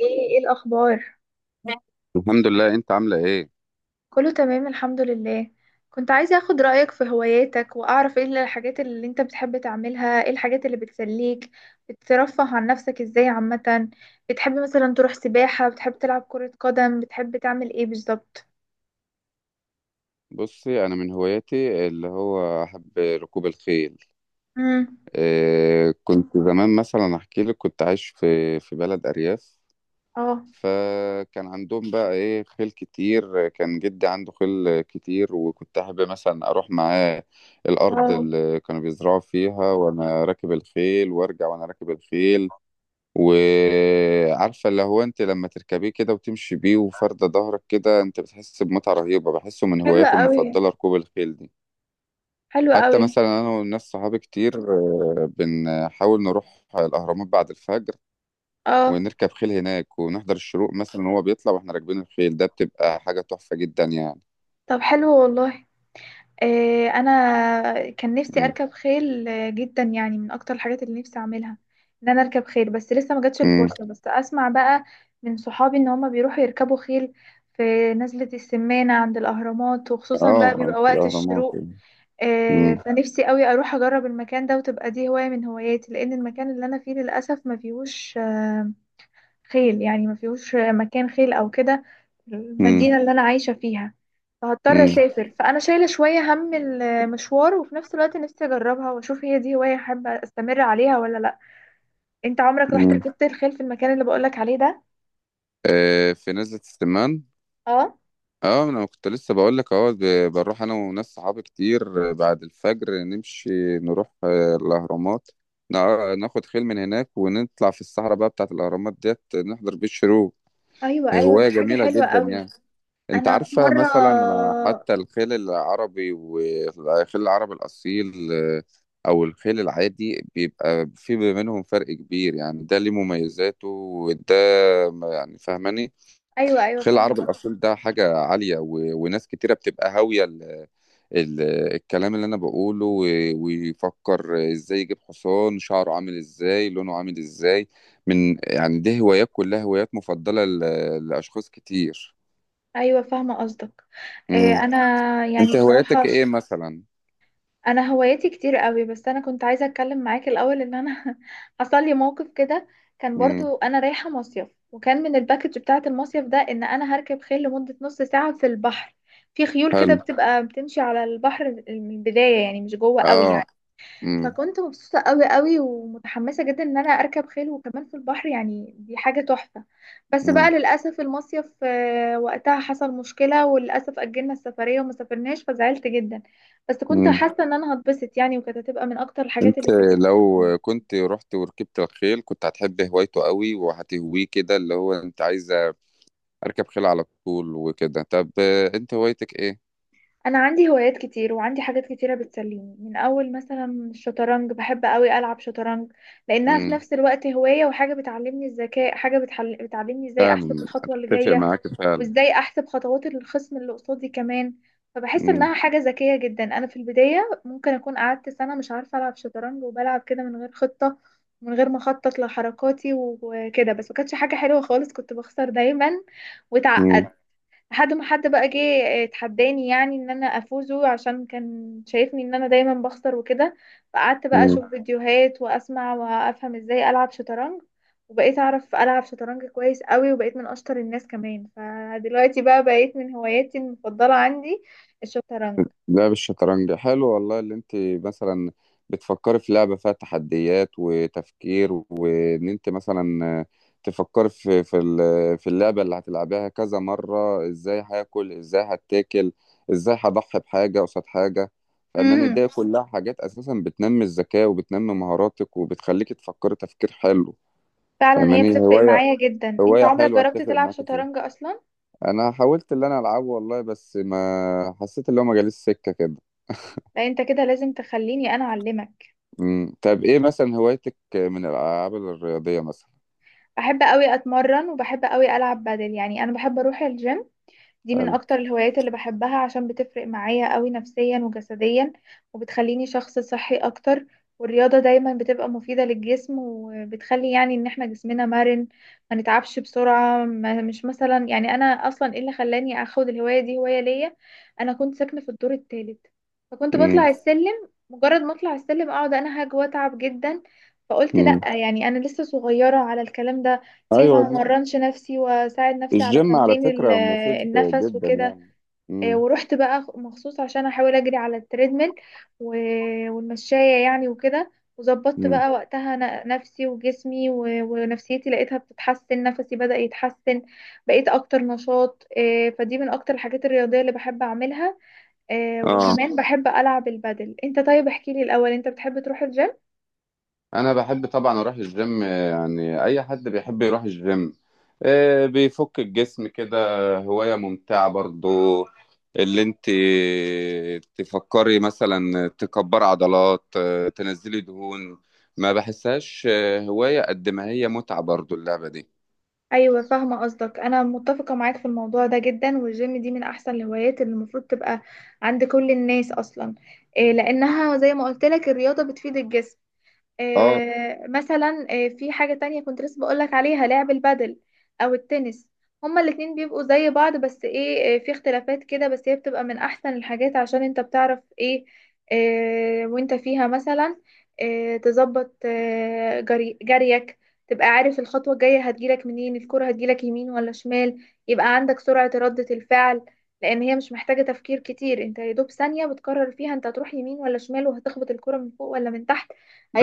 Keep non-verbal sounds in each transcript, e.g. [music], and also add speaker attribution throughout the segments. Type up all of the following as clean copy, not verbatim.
Speaker 1: ايه الاخبار؟
Speaker 2: الحمد لله، انت عامله ايه؟
Speaker 1: كله تمام، الحمد لله. كنت عايزة اخد رأيك في هواياتك واعرف ايه الحاجات اللي انت بتحب تعملها، ايه الحاجات اللي بتسليك، بترفه عن نفسك ازاي عامة. بتحب مثلا تروح سباحة؟ بتحب تلعب كرة قدم؟ بتحب تعمل ايه بالظبط؟
Speaker 2: بصي انا من هواياتي اللي هو احب ركوب الخيل.
Speaker 1: امم.
Speaker 2: إيه كنت زمان مثلا احكي لك، كنت عايش في بلد ارياف،
Speaker 1: اه.
Speaker 2: فكان عندهم بقى ايه خيل كتير، كان جدي عنده خيل كتير وكنت احب مثلا اروح معاه الارض
Speaker 1: واو.
Speaker 2: اللي كانوا بيزرعوا فيها وانا راكب الخيل وارجع وانا راكب الخيل. وعارفة اللي هو انت لما تركبيه كده وتمشي بيه وفردة ظهرك كده انت بتحس بمتعة رهيبة، بحسه من
Speaker 1: حلوة
Speaker 2: هواياتي
Speaker 1: قوي.
Speaker 2: المفضلة ركوب الخيل دي.
Speaker 1: حلوة
Speaker 2: حتى
Speaker 1: قوي.
Speaker 2: مثلا انا والناس صحابي كتير بنحاول نروح الاهرامات بعد الفجر
Speaker 1: اه.
Speaker 2: ونركب خيل هناك ونحضر الشروق مثلا وهو بيطلع واحنا راكبين الخيل، ده بتبقى حاجة تحفة جدا يعني.
Speaker 1: طب حلو والله. انا كان نفسي
Speaker 2: م-
Speaker 1: اركب خيل جدا، يعني من اكتر الحاجات اللي نفسي اعملها ان انا اركب خيل، بس لسه ما جاتش
Speaker 2: م.
Speaker 1: الفرصه. بس اسمع بقى من صحابي ان هما بيروحوا يركبوا خيل في نزلة السمانة عند الاهرامات، وخصوصا بقى
Speaker 2: اه،
Speaker 1: بيبقى
Speaker 2: في
Speaker 1: وقت
Speaker 2: الاهرامات
Speaker 1: الشروق.
Speaker 2: يعني. م-
Speaker 1: فنفسي قوي اروح اجرب المكان ده وتبقى دي هوايه من هواياتي، لان المكان اللي انا فيه للاسف ما فيهوش خيل، يعني ما فيهوش مكان خيل او كده،
Speaker 2: م-
Speaker 1: المدينة اللي انا عايشة فيها. فهضطر
Speaker 2: م-
Speaker 1: اسافر، فانا شايلة شوية هم المشوار، وفي نفس الوقت نفسي اجربها واشوف هي دي هواية احب استمر عليها ولا لا. انت عمرك رحت
Speaker 2: م.
Speaker 1: ركبت الخيل في المكان اللي بقولك عليه ده؟
Speaker 2: في نزلة السمان.
Speaker 1: اه.
Speaker 2: اه، انا كنت لسه بقول لك، اه، بنروح انا وناس صحابي كتير بعد الفجر نمشي نروح الاهرامات، ناخد خيل من هناك ونطلع في الصحراء بقى بتاعت الاهرامات ديت نحضر بيه الشروق.
Speaker 1: ايوه ايوه،
Speaker 2: هواية
Speaker 1: ده حاجة
Speaker 2: جميلة
Speaker 1: حلوة
Speaker 2: جدا
Speaker 1: قوي.
Speaker 2: يعني. انت
Speaker 1: انا في
Speaker 2: عارفة
Speaker 1: مرة.
Speaker 2: مثلا، حتى الخيل العربي والخيل العربي الاصيل او الخيل العادي بيبقى في منهم فرق كبير يعني، ده ليه مميزاته وده يعني، فاهماني؟
Speaker 1: ايوه ايوه،
Speaker 2: الخليل
Speaker 1: فاهمة
Speaker 2: العربي
Speaker 1: قصدك.
Speaker 2: الأصيل ده حاجة عالية، وناس كتيرة بتبقى هاوية ال... الكلام اللي أنا بقوله، ويفكر إزاي يجيب حصان، شعره عامل إزاي، لونه عامل إزاي. من يعني، دي هوايات كلها هوايات مفضلة لأشخاص كتير.
Speaker 1: ايوه فاهمة قصدك. إيه،
Speaker 2: مم.
Speaker 1: انا يعني
Speaker 2: أنت هواياتك
Speaker 1: بصراحة،
Speaker 2: إيه مثلا؟
Speaker 1: انا هواياتي كتير قوي. بس انا كنت عايزه اتكلم معاك الاول ان انا [laughs] حصل لي موقف كده. كان
Speaker 2: مم.
Speaker 1: برضو انا رايحه مصيف، وكان من الباكج بتاعه المصيف ده ان انا هركب خيل لمده نص ساعه في البحر. في خيول كده
Speaker 2: حلو.
Speaker 1: بتبقى بتمشي على البحر من البدايه، يعني مش جوه قوي يعني.
Speaker 2: آه. مم.
Speaker 1: فكنت مبسوطة قوي قوي ومتحمسة جدا ان انا اركب خيل وكمان في البحر، يعني دي حاجة تحفة. بس بقى
Speaker 2: مم.
Speaker 1: للأسف المصيف وقتها حصل مشكلة، وللأسف أجلنا السفرية وما سافرناش، فزعلت جدا. بس كنت
Speaker 2: مم.
Speaker 1: حاسة ان انا هتبسط يعني، وكانت هتبقى من اكتر الحاجات اللي
Speaker 2: أنت
Speaker 1: كانت.
Speaker 2: لو كنت رحت وركبت الخيل كنت هتحب هوايته قوي وهتهويه كده، اللي هو أنت عايز اركب خيل على طول وكده. طب انت هوايتك ايه؟
Speaker 1: انا عندي هوايات كتير وعندي حاجات كتيرة بتسليني، من اول مثلا الشطرنج. بحب قوي العب شطرنج، لانها في
Speaker 2: امم،
Speaker 1: نفس الوقت هواية وحاجة بتعلمني الذكاء، حاجة بتعلمني ازاي احسب
Speaker 2: فعلا
Speaker 1: الخطوة اللي
Speaker 2: اتفق
Speaker 1: جاية،
Speaker 2: معاك، فعلا.
Speaker 1: وازاي احسب خطوات الخصم اللي قصادي كمان. فبحس
Speaker 2: امم.
Speaker 1: انها حاجة ذكية جدا. انا في البداية ممكن اكون قعدت سنة مش عارفة العب شطرنج، وبلعب كده من غير خطة، من غير ما اخطط لحركاتي وكده، بس ما كانتش حاجة حلوة خالص، كنت بخسر دايما واتعقد.
Speaker 2: امم.
Speaker 1: لحد ما حد بقى جه اتحداني يعني ان انا افوزه، عشان كان شايفني ان انا دايما بخسر وكده. فقعدت بقى
Speaker 2: امم.
Speaker 1: اشوف فيديوهات واسمع وافهم ازاي العب شطرنج، وبقيت اعرف العب شطرنج كويس قوي، وبقيت من اشطر الناس كمان، فدلوقتي بقى بقيت من هواياتي المفضلة عندي الشطرنج.
Speaker 2: لعب الشطرنج حلو والله، اللي انت مثلا بتفكري في لعبة فيها تحديات وتفكير، وان انت مثلا تفكري في في اللعبة اللي هتلعبيها كذا مرة، ازاي هاكل، ازاي هتاكل، ازاي هضحي بحاجة قصاد حاجة. فاهماني؟
Speaker 1: امم
Speaker 2: دي كلها حاجات اساسا بتنمي الذكاء وبتنمي مهاراتك وبتخليك تفكري تفكير حلو.
Speaker 1: فعلا هي
Speaker 2: فاهماني؟
Speaker 1: بتفرق
Speaker 2: هواية،
Speaker 1: معايا جدا. انت
Speaker 2: هواية
Speaker 1: عمرك
Speaker 2: حلوة،
Speaker 1: جربت
Speaker 2: اتفق
Speaker 1: تلعب
Speaker 2: معاك فيها.
Speaker 1: شطرنج اصلا؟
Speaker 2: انا حاولت اللي انا العبه والله بس ما حسيت اللي هو، ما جاليش سكة كده.
Speaker 1: لا، انت كده لازم تخليني انا اعلمك.
Speaker 2: امم، طب ايه مثلا هوايتك من الالعاب الرياضية مثلا؟
Speaker 1: بحب قوي اتمرن وبحب قوي العب بدل، يعني انا بحب اروح الجيم. دي من
Speaker 2: حلو.
Speaker 1: اكتر الهوايات اللي بحبها، عشان بتفرق معايا قوي نفسيا وجسديا، وبتخليني شخص صحي اكتر. والرياضة دايما بتبقى مفيدة للجسم، وبتخلي يعني ان احنا جسمنا مرن، ما نتعبش بسرعة. ما مش مثلا، يعني انا اصلا ايه اللي خلاني اخد الهواية دي هواية ليا؟ انا كنت ساكنة في الدور الثالث، فكنت
Speaker 2: امم.
Speaker 1: بطلع السلم، مجرد ما اطلع السلم اقعد انهج واتعب جدا. فقلت لا،
Speaker 2: امم.
Speaker 1: يعني انا لسه صغيرة على الكلام ده، ليه
Speaker 2: ايوه.
Speaker 1: ما
Speaker 2: لا.
Speaker 1: مرنش نفسي واساعد نفسي على
Speaker 2: الجيم على
Speaker 1: تمرين
Speaker 2: فكرة مفيد
Speaker 1: النفس
Speaker 2: جدا
Speaker 1: وكده.
Speaker 2: يعني. امم.
Speaker 1: ورحت بقى مخصوص عشان احاول اجري على التريدميل والمشاية يعني وكده. وظبطت
Speaker 2: امم.
Speaker 1: بقى وقتها نفسي وجسمي ونفسيتي، لقيتها بتتحسن، نفسي بدأ يتحسن. بقيت اكتر نشاط فدي من اكتر الحاجات الرياضية اللي بحب اعملها.
Speaker 2: اه،
Speaker 1: وكمان بحب العب البادل. انت طيب احكيلي الاول، انت بتحب تروح الجيم؟
Speaker 2: انا بحب طبعا اروح الجيم، يعني اي حد بيحب يروح الجيم. بيفك الجسم كده، هواية ممتعة برضو، اللي انت تفكري مثلا تكبر عضلات، تنزلي دهون. ما بحسهاش هواية قد ما هي متعة برضو اللعبة دي.
Speaker 1: ايوه فاهمه قصدك، انا متفقه معاك في الموضوع ده جدا، والجيم دي من احسن الهوايات اللي المفروض تبقى عند كل الناس اصلا. إيه لانها زي ما قلت لك، الرياضه بتفيد الجسم.
Speaker 2: اه.
Speaker 1: مثلا في حاجة تانية كنت لسه بقولك عليها، لعب البادل أو التنس. هما الاتنين بيبقوا زي بعض، بس ايه، في اختلافات كده، بس هي بتبقى من أحسن الحاجات، عشان انت بتعرف ايه، وانت فيها مثلا تظبط جريك، تبقى عارف الخطوة الجاية هتجيلك منين، الكرة هتجيلك يمين ولا شمال. يبقى عندك سرعة ردة الفعل، لأن هي مش محتاجة تفكير كتير، انت يا دوب ثانية بتقرر فيها انت هتروح يمين ولا شمال، وهتخبط الكرة من فوق ولا من تحت.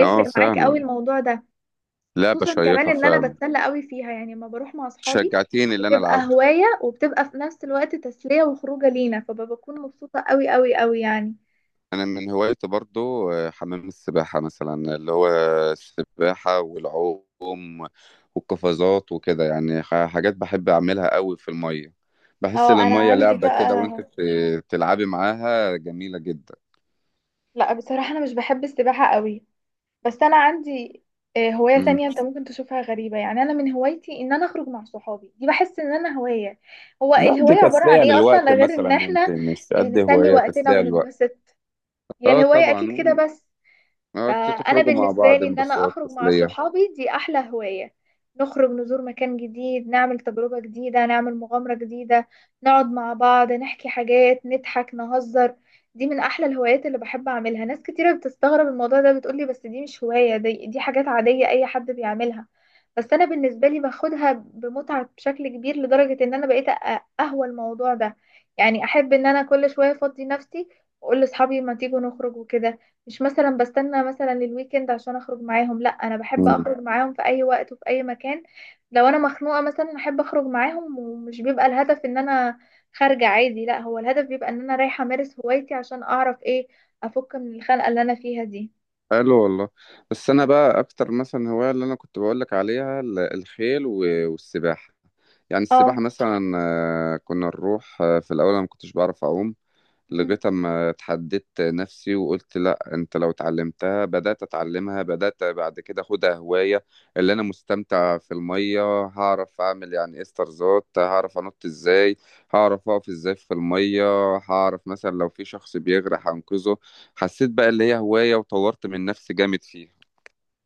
Speaker 2: اه
Speaker 1: معاك قوي
Speaker 2: فعلا،
Speaker 1: الموضوع ده.
Speaker 2: لعبة
Speaker 1: خصوصا كمان
Speaker 2: شيقة
Speaker 1: ان انا
Speaker 2: فعلا.
Speaker 1: بتسلى قوي فيها، يعني لما بروح مع اصحابي
Speaker 2: شجعتيني اللي انا
Speaker 1: بتبقى
Speaker 2: العبها.
Speaker 1: هواية، وبتبقى في نفس الوقت تسلية وخروجة لينا، فبكون مبسوطة قوي قوي قوي يعني.
Speaker 2: انا من هوايتي برضو حمام السباحه مثلا، اللي هو السباحه والعوم والقفازات وكده يعني، حاجات بحب اعملها قوي في الميه. بحس ان
Speaker 1: اه، انا
Speaker 2: الميه
Speaker 1: عندي
Speaker 2: لعبه كده وانت
Speaker 1: بقى.
Speaker 2: بتلعبي معاها، جميله جدا.
Speaker 1: لا بصراحة، انا مش بحب السباحة قوي. بس انا عندي هواية
Speaker 2: مم.
Speaker 1: تانية انت ممكن تشوفها غريبة، يعني انا من هوايتي ان انا اخرج مع صحابي، دي بحس ان انا هواية. هو
Speaker 2: لا، دي
Speaker 1: الهواية عبارة عن
Speaker 2: تسليه
Speaker 1: ايه
Speaker 2: للوقت
Speaker 1: اصلا غير
Speaker 2: مثلا،
Speaker 1: ان
Speaker 2: انت
Speaker 1: احنا
Speaker 2: مش قد
Speaker 1: نسلي
Speaker 2: هوايه،
Speaker 1: وقتنا
Speaker 2: تسليه للوقت.
Speaker 1: ونتبسط؟ هي
Speaker 2: اه
Speaker 1: الهواية اكيد
Speaker 2: طبعا.
Speaker 1: كده بس.
Speaker 2: اه،
Speaker 1: فأنا
Speaker 2: تخرجوا مع
Speaker 1: بالنسبة
Speaker 2: بعض،
Speaker 1: لي إن
Speaker 2: بس
Speaker 1: أنا
Speaker 2: هو
Speaker 1: أخرج مع
Speaker 2: التسليه.
Speaker 1: صحابي دي أحلى هواية. نخرج، نزور مكان جديد، نعمل تجربة جديدة، نعمل مغامرة جديدة، نقعد مع بعض نحكي حاجات، نضحك، نهزر. دي من أحلى الهوايات اللي بحب أعملها. ناس كتيرة بتستغرب الموضوع ده، بتقولي بس دي مش هواية، دي حاجات عادية أي حد بيعملها. بس أنا بالنسبة لي باخدها بمتعة بشكل كبير، لدرجة إن أنا بقيت أهوى الموضوع ده. يعني أحب إن أنا كل شوية أفضي نفسي، وأقول لأصحابي ما تيجوا نخرج وكده. مش مثلا بستنى مثلا الويكند عشان اخرج معاهم، لا انا بحب اخرج معاهم في اي وقت وفي اي مكان. لو انا مخنوقة مثلا احب اخرج معاهم، ومش بيبقى الهدف ان انا خارجة عادي، لا هو الهدف بيبقى ان انا رايحة امارس هوايتي، عشان اعرف ايه، افك من الخنقة اللي انا فيها دي.
Speaker 2: حلو والله. بس انا بقى اكتر مثلا هوايه اللي انا كنت بقول لك عليها الخيل والسباحه. يعني
Speaker 1: اه.
Speaker 2: السباحه مثلا، كنا نروح، في الاول انا ما كنتش بعرف اعوم
Speaker 1: مم.
Speaker 2: لغاية أما اتحددت نفسي وقلت لأ، أنت لو اتعلمتها، بدأت أتعلمها، بدأت بعد كده أخدها هواية اللي أنا مستمتع في المية. هعرف أعمل يعني إيه استرزات، هعرف أنط إزاي، هعرف أقف إزاي في المية، هعرف مثلا لو في شخص بيغرق هنقذه. حسيت بقى اللي هي هواية وطورت من نفسي جامد فيها.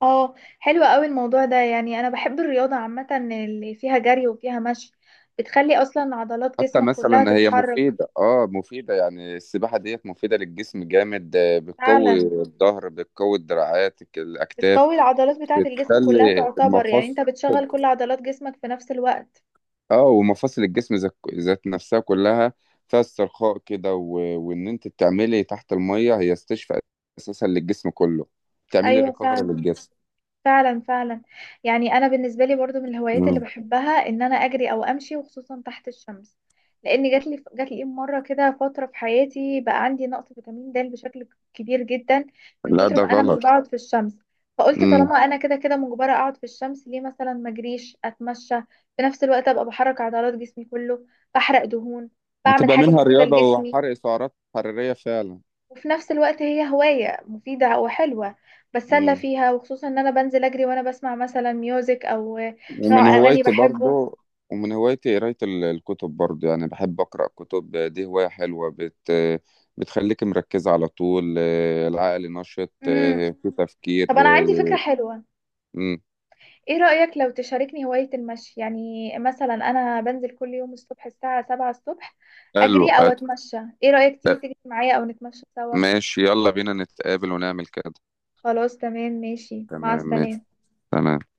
Speaker 1: اه حلو قوي الموضوع ده. يعني انا بحب الرياضة عامة اللي فيها جري وفيها مشي، بتخلي اصلا عضلات
Speaker 2: حتى
Speaker 1: جسمك كلها
Speaker 2: مثلا هي
Speaker 1: تتحرك.
Speaker 2: مفيدة، اه مفيدة، يعني السباحة ديت مفيدة للجسم جامد، بتقوي
Speaker 1: فعلا.
Speaker 2: الظهر، بتقوي الدراعات، الأكتاف.
Speaker 1: بتقوي العضلات بتاعة الجسم كلها،
Speaker 2: بتخلي
Speaker 1: تعتبر يعني
Speaker 2: المفاصل،
Speaker 1: انت بتشغل كل عضلات جسمك في نفس الوقت.
Speaker 2: اه ومفاصل الجسم ذات نفسها كلها فيها استرخاء كده، وان انت تعملي تحت المية هي استشفاء اساسا للجسم كله، تعملي
Speaker 1: ايوه
Speaker 2: ريكفري
Speaker 1: فعلا.
Speaker 2: للجسم.
Speaker 1: فعلا فعلا. يعني انا بالنسبة لي برضو من الهوايات اللي
Speaker 2: مم.
Speaker 1: بحبها ان انا اجري او امشي، وخصوصا تحت الشمس. لان جات لي مرة كده فترة في حياتي بقى عندي نقص فيتامين د بشكل كبير جدا، من
Speaker 2: لا
Speaker 1: كتر
Speaker 2: ده
Speaker 1: ما انا مش
Speaker 2: غلط.
Speaker 1: بقعد في الشمس. فقلت
Speaker 2: مم.
Speaker 1: طالما انا كده كده مجبرة اقعد في الشمس، ليه مثلا ما اجريش، اتمشى، في نفس الوقت ابقى بحرك عضلات جسمي كله، بحرق دهون، بعمل
Speaker 2: هتبقى
Speaker 1: حاجة
Speaker 2: منها
Speaker 1: مفيدة
Speaker 2: رياضة
Speaker 1: لجسمي.
Speaker 2: وحرق سعرات حرارية فعلا.
Speaker 1: وفي نفس الوقت هي هواية مفيدة وحلوة، بتسلى
Speaker 2: مم.
Speaker 1: فيها، وخصوصا ان انا بنزل اجري وانا بسمع مثلا ميوزك او
Speaker 2: ومن
Speaker 1: نوع اغاني
Speaker 2: هوايتي
Speaker 1: بحبه.
Speaker 2: برضو ومن هوايتي قراية الكتب برضو، يعني بحب أقرأ كتب، دي هواية حلوة، بتخليك مركزة على طول، العقل نشط
Speaker 1: امم
Speaker 2: في تفكير
Speaker 1: طب انا عندي فكرة
Speaker 2: آه،.
Speaker 1: حلوة.
Speaker 2: مم.
Speaker 1: ايه رأيك لو تشاركني هواية المشي؟ يعني مثلا انا بنزل كل يوم الصبح الساعة 7 الصبح
Speaker 2: حلو.
Speaker 1: اجري او اتمشى، ايه رأيك تيجي تجري معايا او نتمشى سوا؟
Speaker 2: ماشي، يلا بينا نتقابل ونعمل كده.
Speaker 1: خلاص تمام، ماشي، مع
Speaker 2: تمام، ماشي.
Speaker 1: السلامة.
Speaker 2: تمام.